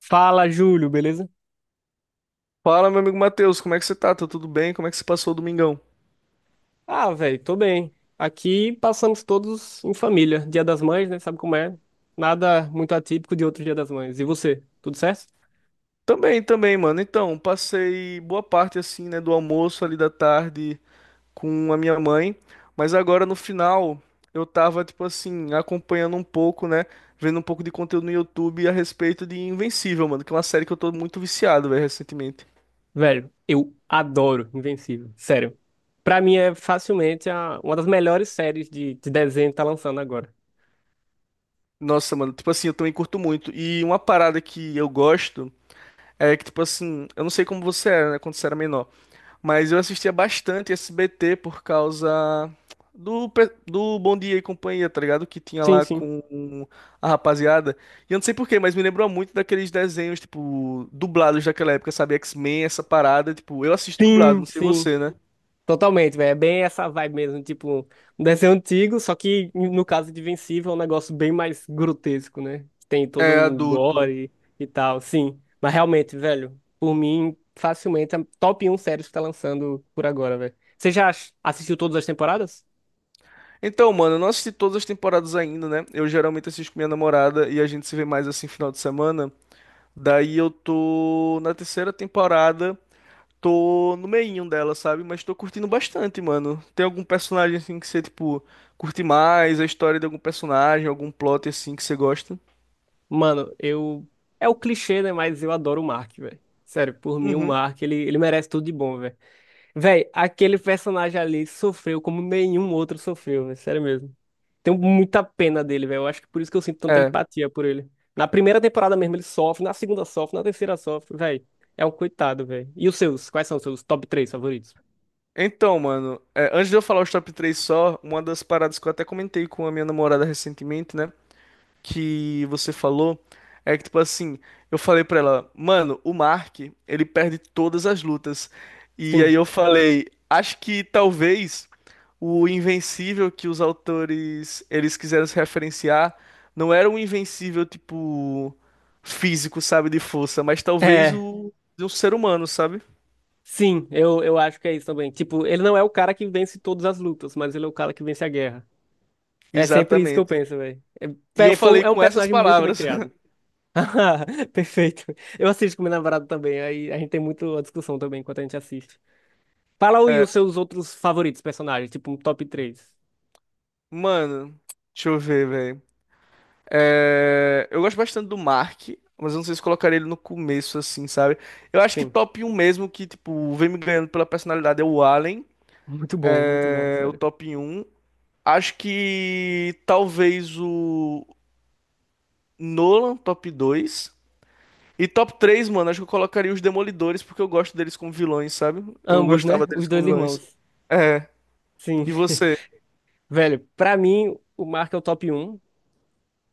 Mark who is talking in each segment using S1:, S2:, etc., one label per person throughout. S1: Fala, Júlio, beleza?
S2: Fala, meu amigo Matheus, como é que você tá? Tá tudo bem? Como é que você passou o domingão?
S1: Ah, velho, tô bem. Aqui passamos todos em família. Dia das Mães, né? Sabe como é? Nada muito atípico de outro Dia das Mães. E você? Tudo certo?
S2: Também, também, mano. Então, passei boa parte assim, né, do almoço ali da tarde com a minha mãe, mas agora no final eu tava tipo assim, acompanhando um pouco, né, vendo um pouco de conteúdo no YouTube a respeito de Invencível, mano, que é uma série que eu tô muito viciado, velho, recentemente.
S1: Velho, eu adoro Invencível. Sério. Pra mim é facilmente uma das melhores séries de desenho que tá lançando agora.
S2: Nossa, mano, tipo assim, eu também curto muito. E uma parada que eu gosto é que tipo assim, eu não sei como você era, né, quando você era menor. Mas eu assistia bastante SBT por causa do Bom Dia e Companhia, tá ligado? Que tinha
S1: Sim,
S2: lá
S1: sim.
S2: com a rapaziada. E eu não sei por quê, mas me lembrou muito daqueles desenhos, tipo, dublados daquela época, sabe? X-Men, essa parada. Tipo, eu assisto dublado,
S1: Sim,
S2: não sei
S1: sim.
S2: você, né?
S1: Totalmente, velho. É bem essa vibe mesmo, tipo, um desenho antigo, só que no caso de Invencível é um negócio bem mais grotesco, né? Tem todo
S2: É,
S1: o
S2: adulto.
S1: gore e tal, sim. Mas realmente, velho, por mim, facilmente, é top um séries que tá lançando por agora, velho. Você já assistiu todas as temporadas?
S2: Então, mano, eu não assisti todas as temporadas ainda, né? Eu geralmente assisto com minha namorada e a gente se vê mais assim final de semana. Daí eu tô na terceira temporada. Tô no meinho dela, sabe? Mas tô curtindo bastante, mano. Tem algum personagem assim que você, tipo, curte mais? A história de algum personagem, algum plot assim que você gosta?
S1: Mano, eu. É o clichê, né? Mas eu adoro o Mark, velho. Sério, por mim, o
S2: Uhum.
S1: Mark, ele merece tudo de bom, velho. Véi, aquele personagem ali sofreu como nenhum outro sofreu, véi, sério mesmo. Tenho muita pena dele, velho. Eu acho que por isso que eu sinto tanta
S2: É.
S1: empatia por ele. Na primeira temporada mesmo ele sofre, na segunda sofre, na terceira sofre, velho. É um coitado, velho. E os seus? Quais são os seus top três favoritos?
S2: Então, mano, é, antes de eu falar os top 3 só, uma das paradas que eu até comentei com a minha namorada recentemente, né, que você falou é que, tipo assim, eu falei pra ela, mano, o Mark, ele perde todas as lutas. E aí
S1: Sim.
S2: eu falei, acho que talvez o Invencível que os autores eles quiseram se referenciar não era um Invencível tipo físico, sabe, de força, mas talvez
S1: É,
S2: o de um ser humano, sabe?
S1: sim, eu acho que é isso também. Tipo, ele não é o cara que vence todas as lutas, mas ele é o cara que vence a guerra. É sempre isso que eu
S2: Exatamente.
S1: penso, velho. É,
S2: E eu
S1: véi,
S2: falei
S1: é um
S2: com essas
S1: personagem muito bem
S2: palavras.
S1: criado. Perfeito. Eu assisto com minha namorada também, aí a gente tem muito a discussão também enquanto a gente assiste. Fala aí os seus outros favoritos personagens, tipo um top três.
S2: Mano, deixa eu ver, velho. É, eu gosto bastante do Mark, mas eu não sei se colocaria ele no começo, assim, sabe? Eu acho que
S1: Sim.
S2: top um mesmo, que, tipo, vem me ganhando pela personalidade, é o Allen,
S1: Muito bom,
S2: é, o
S1: sério.
S2: top um. Acho que talvez o Nolan, top dois. E top três, mano, acho que eu colocaria os Demolidores, porque eu gosto deles como vilões, sabe? Eu
S1: Ambos,
S2: gostava
S1: né?
S2: deles
S1: Os
S2: como
S1: dois
S2: vilões.
S1: irmãos.
S2: É,
S1: Sim.
S2: e você?
S1: Velho, pra mim, o Mark é o top um.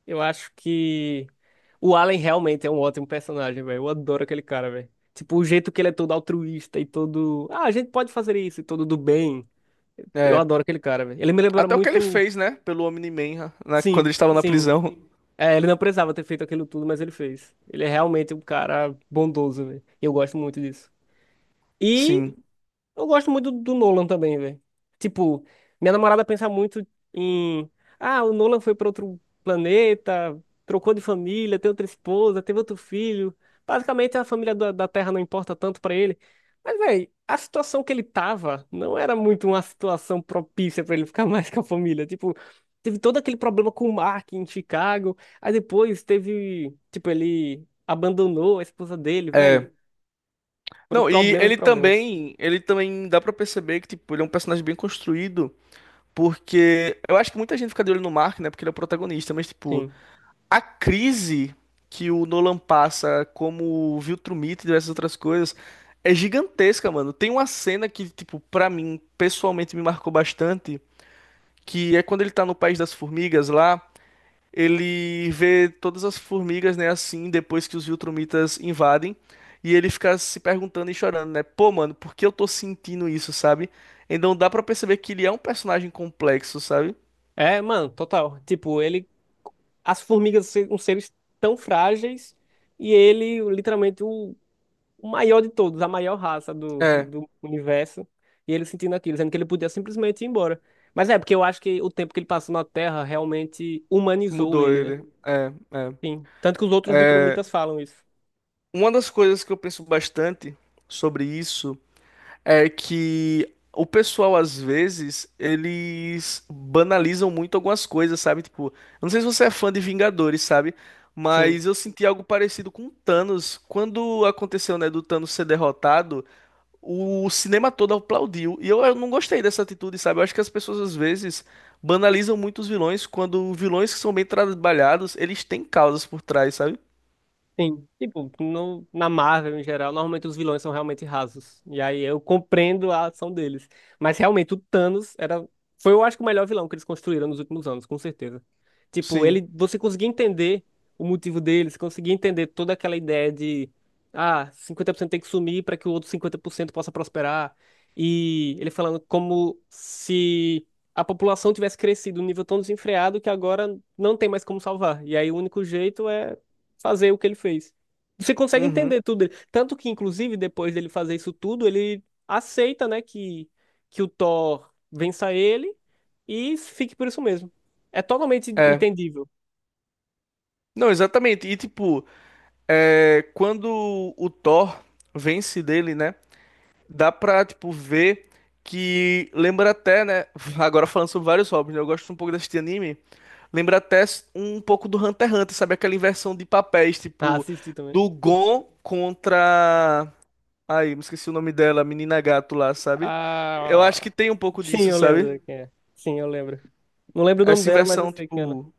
S1: Eu acho que o Allen realmente é um ótimo personagem, velho. Eu adoro aquele cara, velho. Tipo, o jeito que ele é todo altruísta e todo. Ah, a gente pode fazer isso e todo do bem. Eu
S2: É,
S1: adoro aquele cara, velho. Ele me lembra
S2: até o que ele
S1: muito.
S2: fez, né, pelo Omni-Man, né, quando
S1: Sim,
S2: eles estavam na
S1: sim.
S2: prisão.
S1: É, ele não precisava ter feito aquilo tudo, mas ele fez. Ele é realmente um cara bondoso, velho. E eu gosto muito disso. E
S2: Sim.
S1: eu gosto muito do Nolan também, velho. Tipo, minha namorada pensa muito em. Ah, o Nolan foi pra outro planeta, trocou de família, tem outra esposa, teve outro filho. Basicamente, a família da Terra não importa tanto pra ele. Mas, velho, a situação que ele tava não era muito uma situação propícia pra ele ficar mais com a família. Tipo, teve todo aquele problema com o Mark em Chicago. Aí depois teve. Tipo, ele abandonou a esposa dele, velho.
S2: É.
S1: Foram
S2: Não, e
S1: problemas e problemas.
S2: ele também dá pra perceber que tipo, ele é um personagem bem construído, porque eu acho que muita gente fica de olho no Mark, né, porque ele é o protagonista, mas tipo,
S1: Sim.
S2: a crise que o Nolan passa como viu Viltrumite e diversas outras coisas é gigantesca, mano. Tem uma cena que tipo, pra mim, pessoalmente me marcou bastante, que é quando ele tá no País das Formigas lá, ele vê todas as formigas, né, assim, depois que os Viltrumitas invadem, e ele fica se perguntando e chorando, né? Pô, mano, por que eu tô sentindo isso, sabe? Então dá pra perceber que ele é um personagem complexo, sabe?
S1: É, mano, total. Tipo, ele. As formigas são seres tão frágeis e ele, literalmente, o maior de todos, a maior raça do,
S2: É,
S1: do universo. E ele sentindo aquilo, sendo que ele podia simplesmente ir embora. Mas é, porque eu acho que o tempo que ele passou na Terra realmente humanizou
S2: mudou
S1: ele, né?
S2: ele. É, é.
S1: Sim. Tanto que os outros Viltrumitas falam isso.
S2: Uma das coisas que eu penso bastante sobre isso é que o pessoal, às vezes, eles banalizam muito algumas coisas, sabe? Tipo, eu não sei se você é fã de Vingadores, sabe?
S1: Sim.
S2: Mas eu senti algo parecido com Thanos. Quando aconteceu, né, do Thanos ser derrotado, o cinema todo aplaudiu. E eu não gostei dessa atitude, sabe? Eu acho que as pessoas, às vezes, banalizam muito os vilões, quando vilões que são bem trabalhados, eles têm causas por trás, sabe?
S1: Sim, tipo, no, na Marvel em geral, normalmente os vilões são realmente rasos. E aí eu compreendo a ação deles. Mas realmente o Thanos foi eu acho que o melhor vilão que eles construíram nos últimos anos, com certeza. Tipo,
S2: Sim.
S1: ele, você conseguia entender o motivo deles, conseguia entender toda aquela ideia de, ah, 50% tem que sumir para que o outro 50% possa prosperar. E ele falando como se a população tivesse crescido num nível tão desenfreado que agora não tem mais como salvar. E aí o único jeito é fazer o que ele fez. Você consegue
S2: Uhum.
S1: entender tudo dele. Tanto que, inclusive, depois dele fazer isso tudo, ele aceita, né, que o Thor vença ele e fique por isso mesmo. É totalmente
S2: É.
S1: entendível.
S2: Não, exatamente. E tipo. É, quando o Thor vence dele, né? Dá pra, tipo, ver que lembra até, né? Agora falando sobre vários hobbies, né? Eu gosto um pouco desse anime. Lembra até um pouco do Hunter x Hunter, sabe? Aquela inversão de papéis,
S1: Ah,
S2: tipo,
S1: assisti também.
S2: do Gon contra. Ai, me esqueci o nome dela, a menina gato lá, sabe? Eu acho
S1: Ah,
S2: que tem um pouco
S1: sim,
S2: disso,
S1: eu
S2: sabe?
S1: lembro quem é. Sim, eu lembro. Não lembro o nome
S2: Essa
S1: dela, mas eu
S2: inversão,
S1: sei que ela. É.
S2: tipo,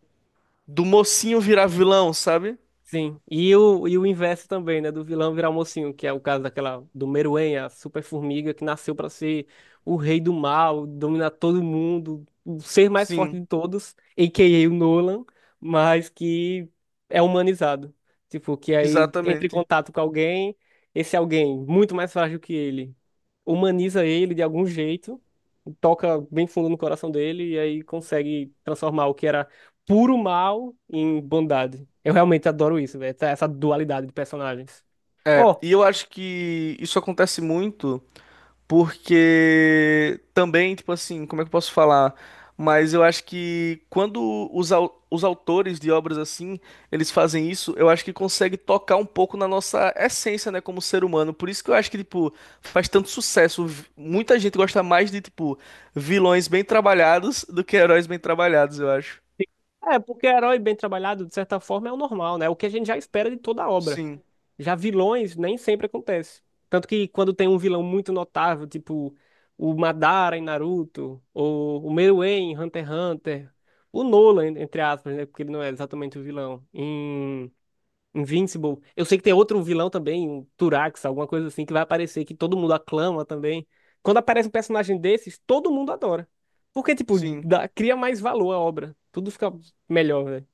S2: do mocinho virar vilão, sabe?
S1: Sim. E o inverso também, né? Do vilão virar mocinho, que é o caso daquela do Meruem, a super formiga que nasceu pra ser o rei do mal, dominar todo mundo, o ser mais forte
S2: Sim,
S1: de todos, a.k.a. o Nolan, mas que é humanizado. Tipo, que aí entra em
S2: exatamente.
S1: contato com alguém, esse alguém muito mais frágil que ele humaniza ele de algum jeito, toca bem fundo no coração dele e aí consegue transformar o que era puro mal em bondade. Eu realmente adoro isso, velho, essa dualidade de personagens.
S2: É,
S1: Ó,
S2: e eu acho que isso acontece muito porque também, tipo assim, como é que eu posso falar? Mas eu acho que quando os autores de obras assim, eles fazem isso, eu acho que consegue tocar um pouco na nossa essência, né, como ser humano. Por isso que eu acho que, tipo, faz tanto sucesso. Muita gente gosta mais de, tipo, vilões bem trabalhados do que heróis bem trabalhados, eu acho.
S1: é, porque herói bem trabalhado, de certa forma, é o normal, né? O que a gente já espera de toda a obra.
S2: Sim,
S1: Já vilões nem sempre acontece. Tanto que quando tem um vilão muito notável, tipo o Madara em Naruto, ou o Meruem em Hunter x Hunter, o Nolan, entre aspas, né? Porque ele não é exatamente o vilão em Invincible. Eu sei que tem outro vilão também, um Turax, alguma coisa assim, que vai aparecer, que todo mundo aclama também. Quando aparece um personagem desses, todo mundo adora. Porque, tipo,
S2: sim.
S1: cria mais valor à obra. Tudo fica melhor, velho.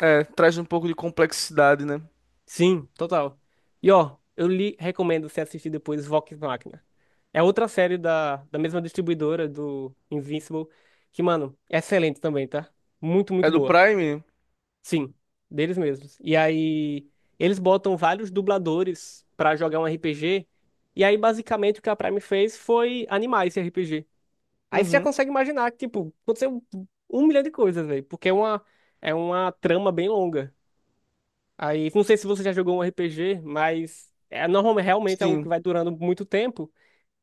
S2: É, traz um pouco de complexidade, né?
S1: Sim, total. E, ó, eu lhe recomendo você assistir depois Vox Machina. É outra série da mesma distribuidora do Invincible, que, mano, é excelente também, tá? Muito, muito
S2: É do
S1: boa.
S2: Prime?
S1: Sim, deles mesmos. E aí eles botam vários dubladores pra jogar um RPG. E aí basicamente o que a Prime fez foi animar esse RPG. Aí você já
S2: Uhum.
S1: consegue imaginar que tipo aconteceu um milhão de coisas, velho, porque é uma trama bem longa. Aí não sei se você já jogou um RPG, mas é normalmente realmente é algo que
S2: Sim.
S1: vai durando muito tempo.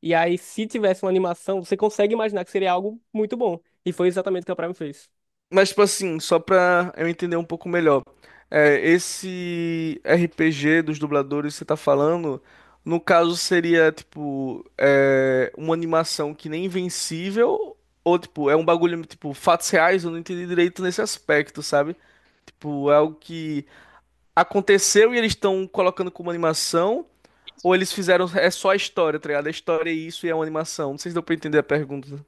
S1: E aí se tivesse uma animação, você consegue imaginar que seria algo muito bom. E foi exatamente o que a Prime fez.
S2: Mas, tipo assim, só pra eu entender um pouco melhor. É, esse RPG dos dubladores que você tá falando, no caso seria, tipo, é, uma animação que nem Invencível, ou, tipo, é um bagulho, tipo, fatos reais, eu não entendi direito nesse aspecto, sabe? Tipo, é algo que aconteceu e eles estão colocando como animação, ou eles fizeram, é só a história, tá ligado? A história é isso e é uma animação. Não sei se deu pra entender a pergunta.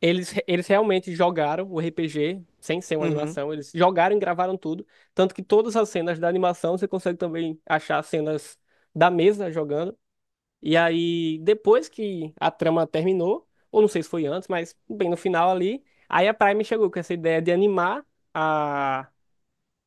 S1: Eles realmente jogaram o RPG, sem ser uma
S2: Uhum.
S1: animação, eles jogaram e gravaram tudo. Tanto que todas as cenas da animação você consegue também achar cenas da mesa jogando. E aí, depois que a trama terminou, ou não sei se foi antes, mas bem no final ali, aí a Prime chegou com essa ideia de animar a,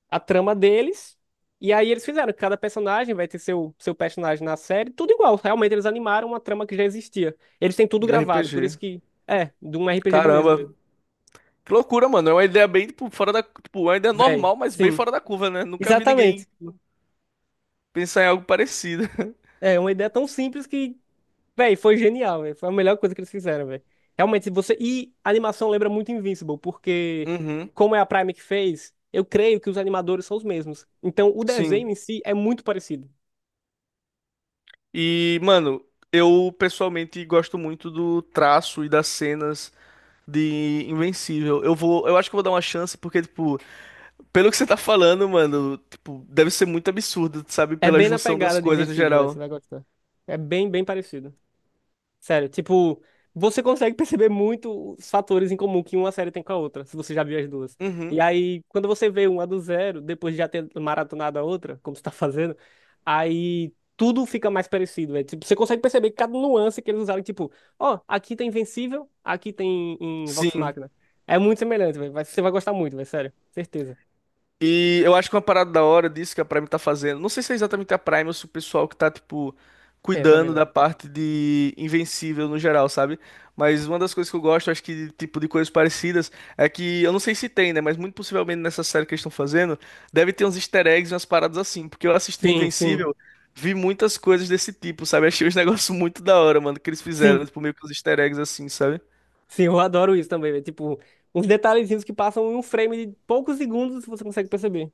S1: a trama deles. E aí eles fizeram, cada personagem vai ter seu personagem na série, tudo igual. Realmente eles animaram uma trama que já existia. Eles têm tudo
S2: De
S1: gravado, por
S2: RPG.
S1: isso que. É, de um RPG de mesa
S2: Caramba,
S1: mesmo.
S2: que loucura, mano. É uma ideia bem, tipo, fora da. Tipo, uma ideia
S1: Véi,
S2: normal, mas bem
S1: sim.
S2: fora da curva, né? Nunca vi ninguém
S1: Exatamente.
S2: pensar em algo parecido.
S1: É uma ideia tão simples que, véi, foi genial, véi. Foi a melhor coisa que eles fizeram, véi. Realmente, se você. E a animação lembra muito Invincible, porque,
S2: Uhum,
S1: como é a Prime que fez, eu creio que os animadores são os mesmos. Então, o desenho
S2: sim.
S1: em si é muito parecido.
S2: E, mano, eu pessoalmente gosto muito do traço e das cenas de Invencível. Eu acho que eu vou dar uma chance porque, tipo, pelo que você tá falando, mano, tipo, deve ser muito absurdo, sabe?
S1: É
S2: Pela
S1: bem na
S2: junção das
S1: pegada de
S2: coisas no
S1: Invincible, véi. Você
S2: geral.
S1: vai gostar. É bem, bem parecido. Sério, tipo, você consegue perceber muito os fatores em comum que uma série tem com a outra, se você já viu as duas. E
S2: Uhum,
S1: aí, quando você vê uma do zero, depois de já ter maratonado a outra, como você tá fazendo, aí tudo fica mais parecido, velho. Tipo, você consegue perceber cada nuance que eles usaram, tipo, ó, aqui tem Invencível, aqui tem em Vox
S2: sim.
S1: Machina. É muito semelhante, velho. Você vai gostar muito, velho, sério. Certeza.
S2: E eu acho que uma parada da hora disso que a Prime tá fazendo, não sei se é exatamente a Prime ou se o pessoal que tá, tipo,
S1: É, também
S2: cuidando
S1: não.
S2: da parte de Invencível no geral, sabe? Mas uma das coisas que eu gosto, acho que, tipo, de coisas parecidas, é que, eu não sei se tem, né? Mas muito possivelmente nessa série que eles estão fazendo, deve ter uns easter eggs e umas paradas assim, porque eu assistindo
S1: Sim, sim.
S2: Invencível, vi muitas coisas desse tipo, sabe? Achei os negócios muito da hora, mano, que eles fizeram,
S1: Sim.
S2: tipo, meio que uns easter eggs assim, sabe?
S1: Sim, eu adoro isso também, velho. Tipo, uns detalhezinhos que passam em um frame de poucos segundos, você consegue perceber.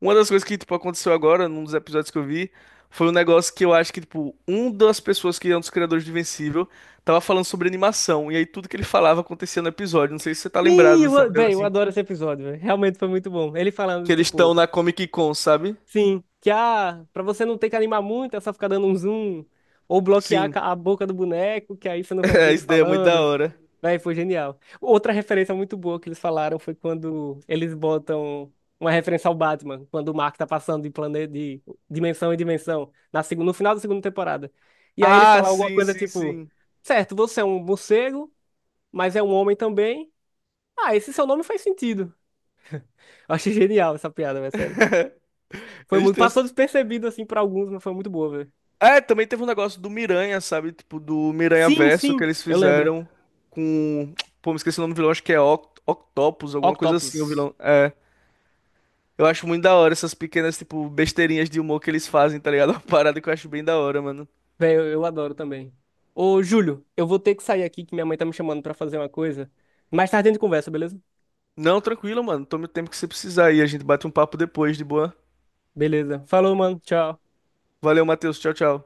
S2: Uma das coisas que, tipo, aconteceu agora, num dos episódios que eu vi, foi um negócio que eu acho que, tipo, um das pessoas que é um dos criadores de Invencível tava falando sobre animação, e aí tudo que ele falava acontecia no episódio. Não sei se você tá
S1: Sim,
S2: lembrado, sabe? De algo
S1: véi, eu
S2: assim.
S1: adoro esse episódio, véi. Realmente foi muito bom. Ele
S2: Que
S1: falando,
S2: eles estão
S1: tipo,
S2: na Comic Con, sabe?
S1: sim, que ah, pra você não ter que animar muito, é só ficar dando um zoom, ou bloquear a
S2: Sim.
S1: a boca do boneco, que aí você não vai ver
S2: É,
S1: ele
S2: isso daí é muito da
S1: falando.
S2: hora.
S1: Véi, foi genial. Outra referência muito boa que eles falaram foi quando eles botam uma referência ao Batman, quando o Mark tá passando de planeta, de dimensão em dimensão, no final da segunda temporada. E aí ele
S2: Ah,
S1: fala alguma
S2: sim,
S1: coisa
S2: sim,
S1: tipo,
S2: sim.
S1: certo, você é um morcego, mas é um homem também. Ah, esse seu nome faz sentido. Eu achei genial essa piada, velho, sério. Foi
S2: Eles
S1: muito.
S2: têm.
S1: Passou despercebido, assim, pra alguns, mas foi muito boa, velho.
S2: É, também teve um negócio do Miranha, sabe? Tipo, do Miranha
S1: Sim,
S2: Verso que
S1: sim,
S2: eles
S1: eu lembro.
S2: fizeram com. Pô, me esqueci o nome do vilão, acho que é Octopus, alguma coisa assim, o
S1: Octopus.
S2: vilão. É. Eu acho muito da hora essas pequenas, tipo, besteirinhas de humor que eles fazem, tá ligado? Uma parada que eu acho bem da hora, mano.
S1: Velho, eu adoro também. Ô, Júlio, eu vou ter que sair aqui, que minha mãe tá me chamando pra fazer uma coisa. Mais tarde a gente conversa, beleza?
S2: Não, tranquilo, mano. Tome o tempo que você precisar aí. A gente bate um papo depois, de boa.
S1: Beleza. Falou, mano. Tchau.
S2: Valeu, Matheus. Tchau, tchau.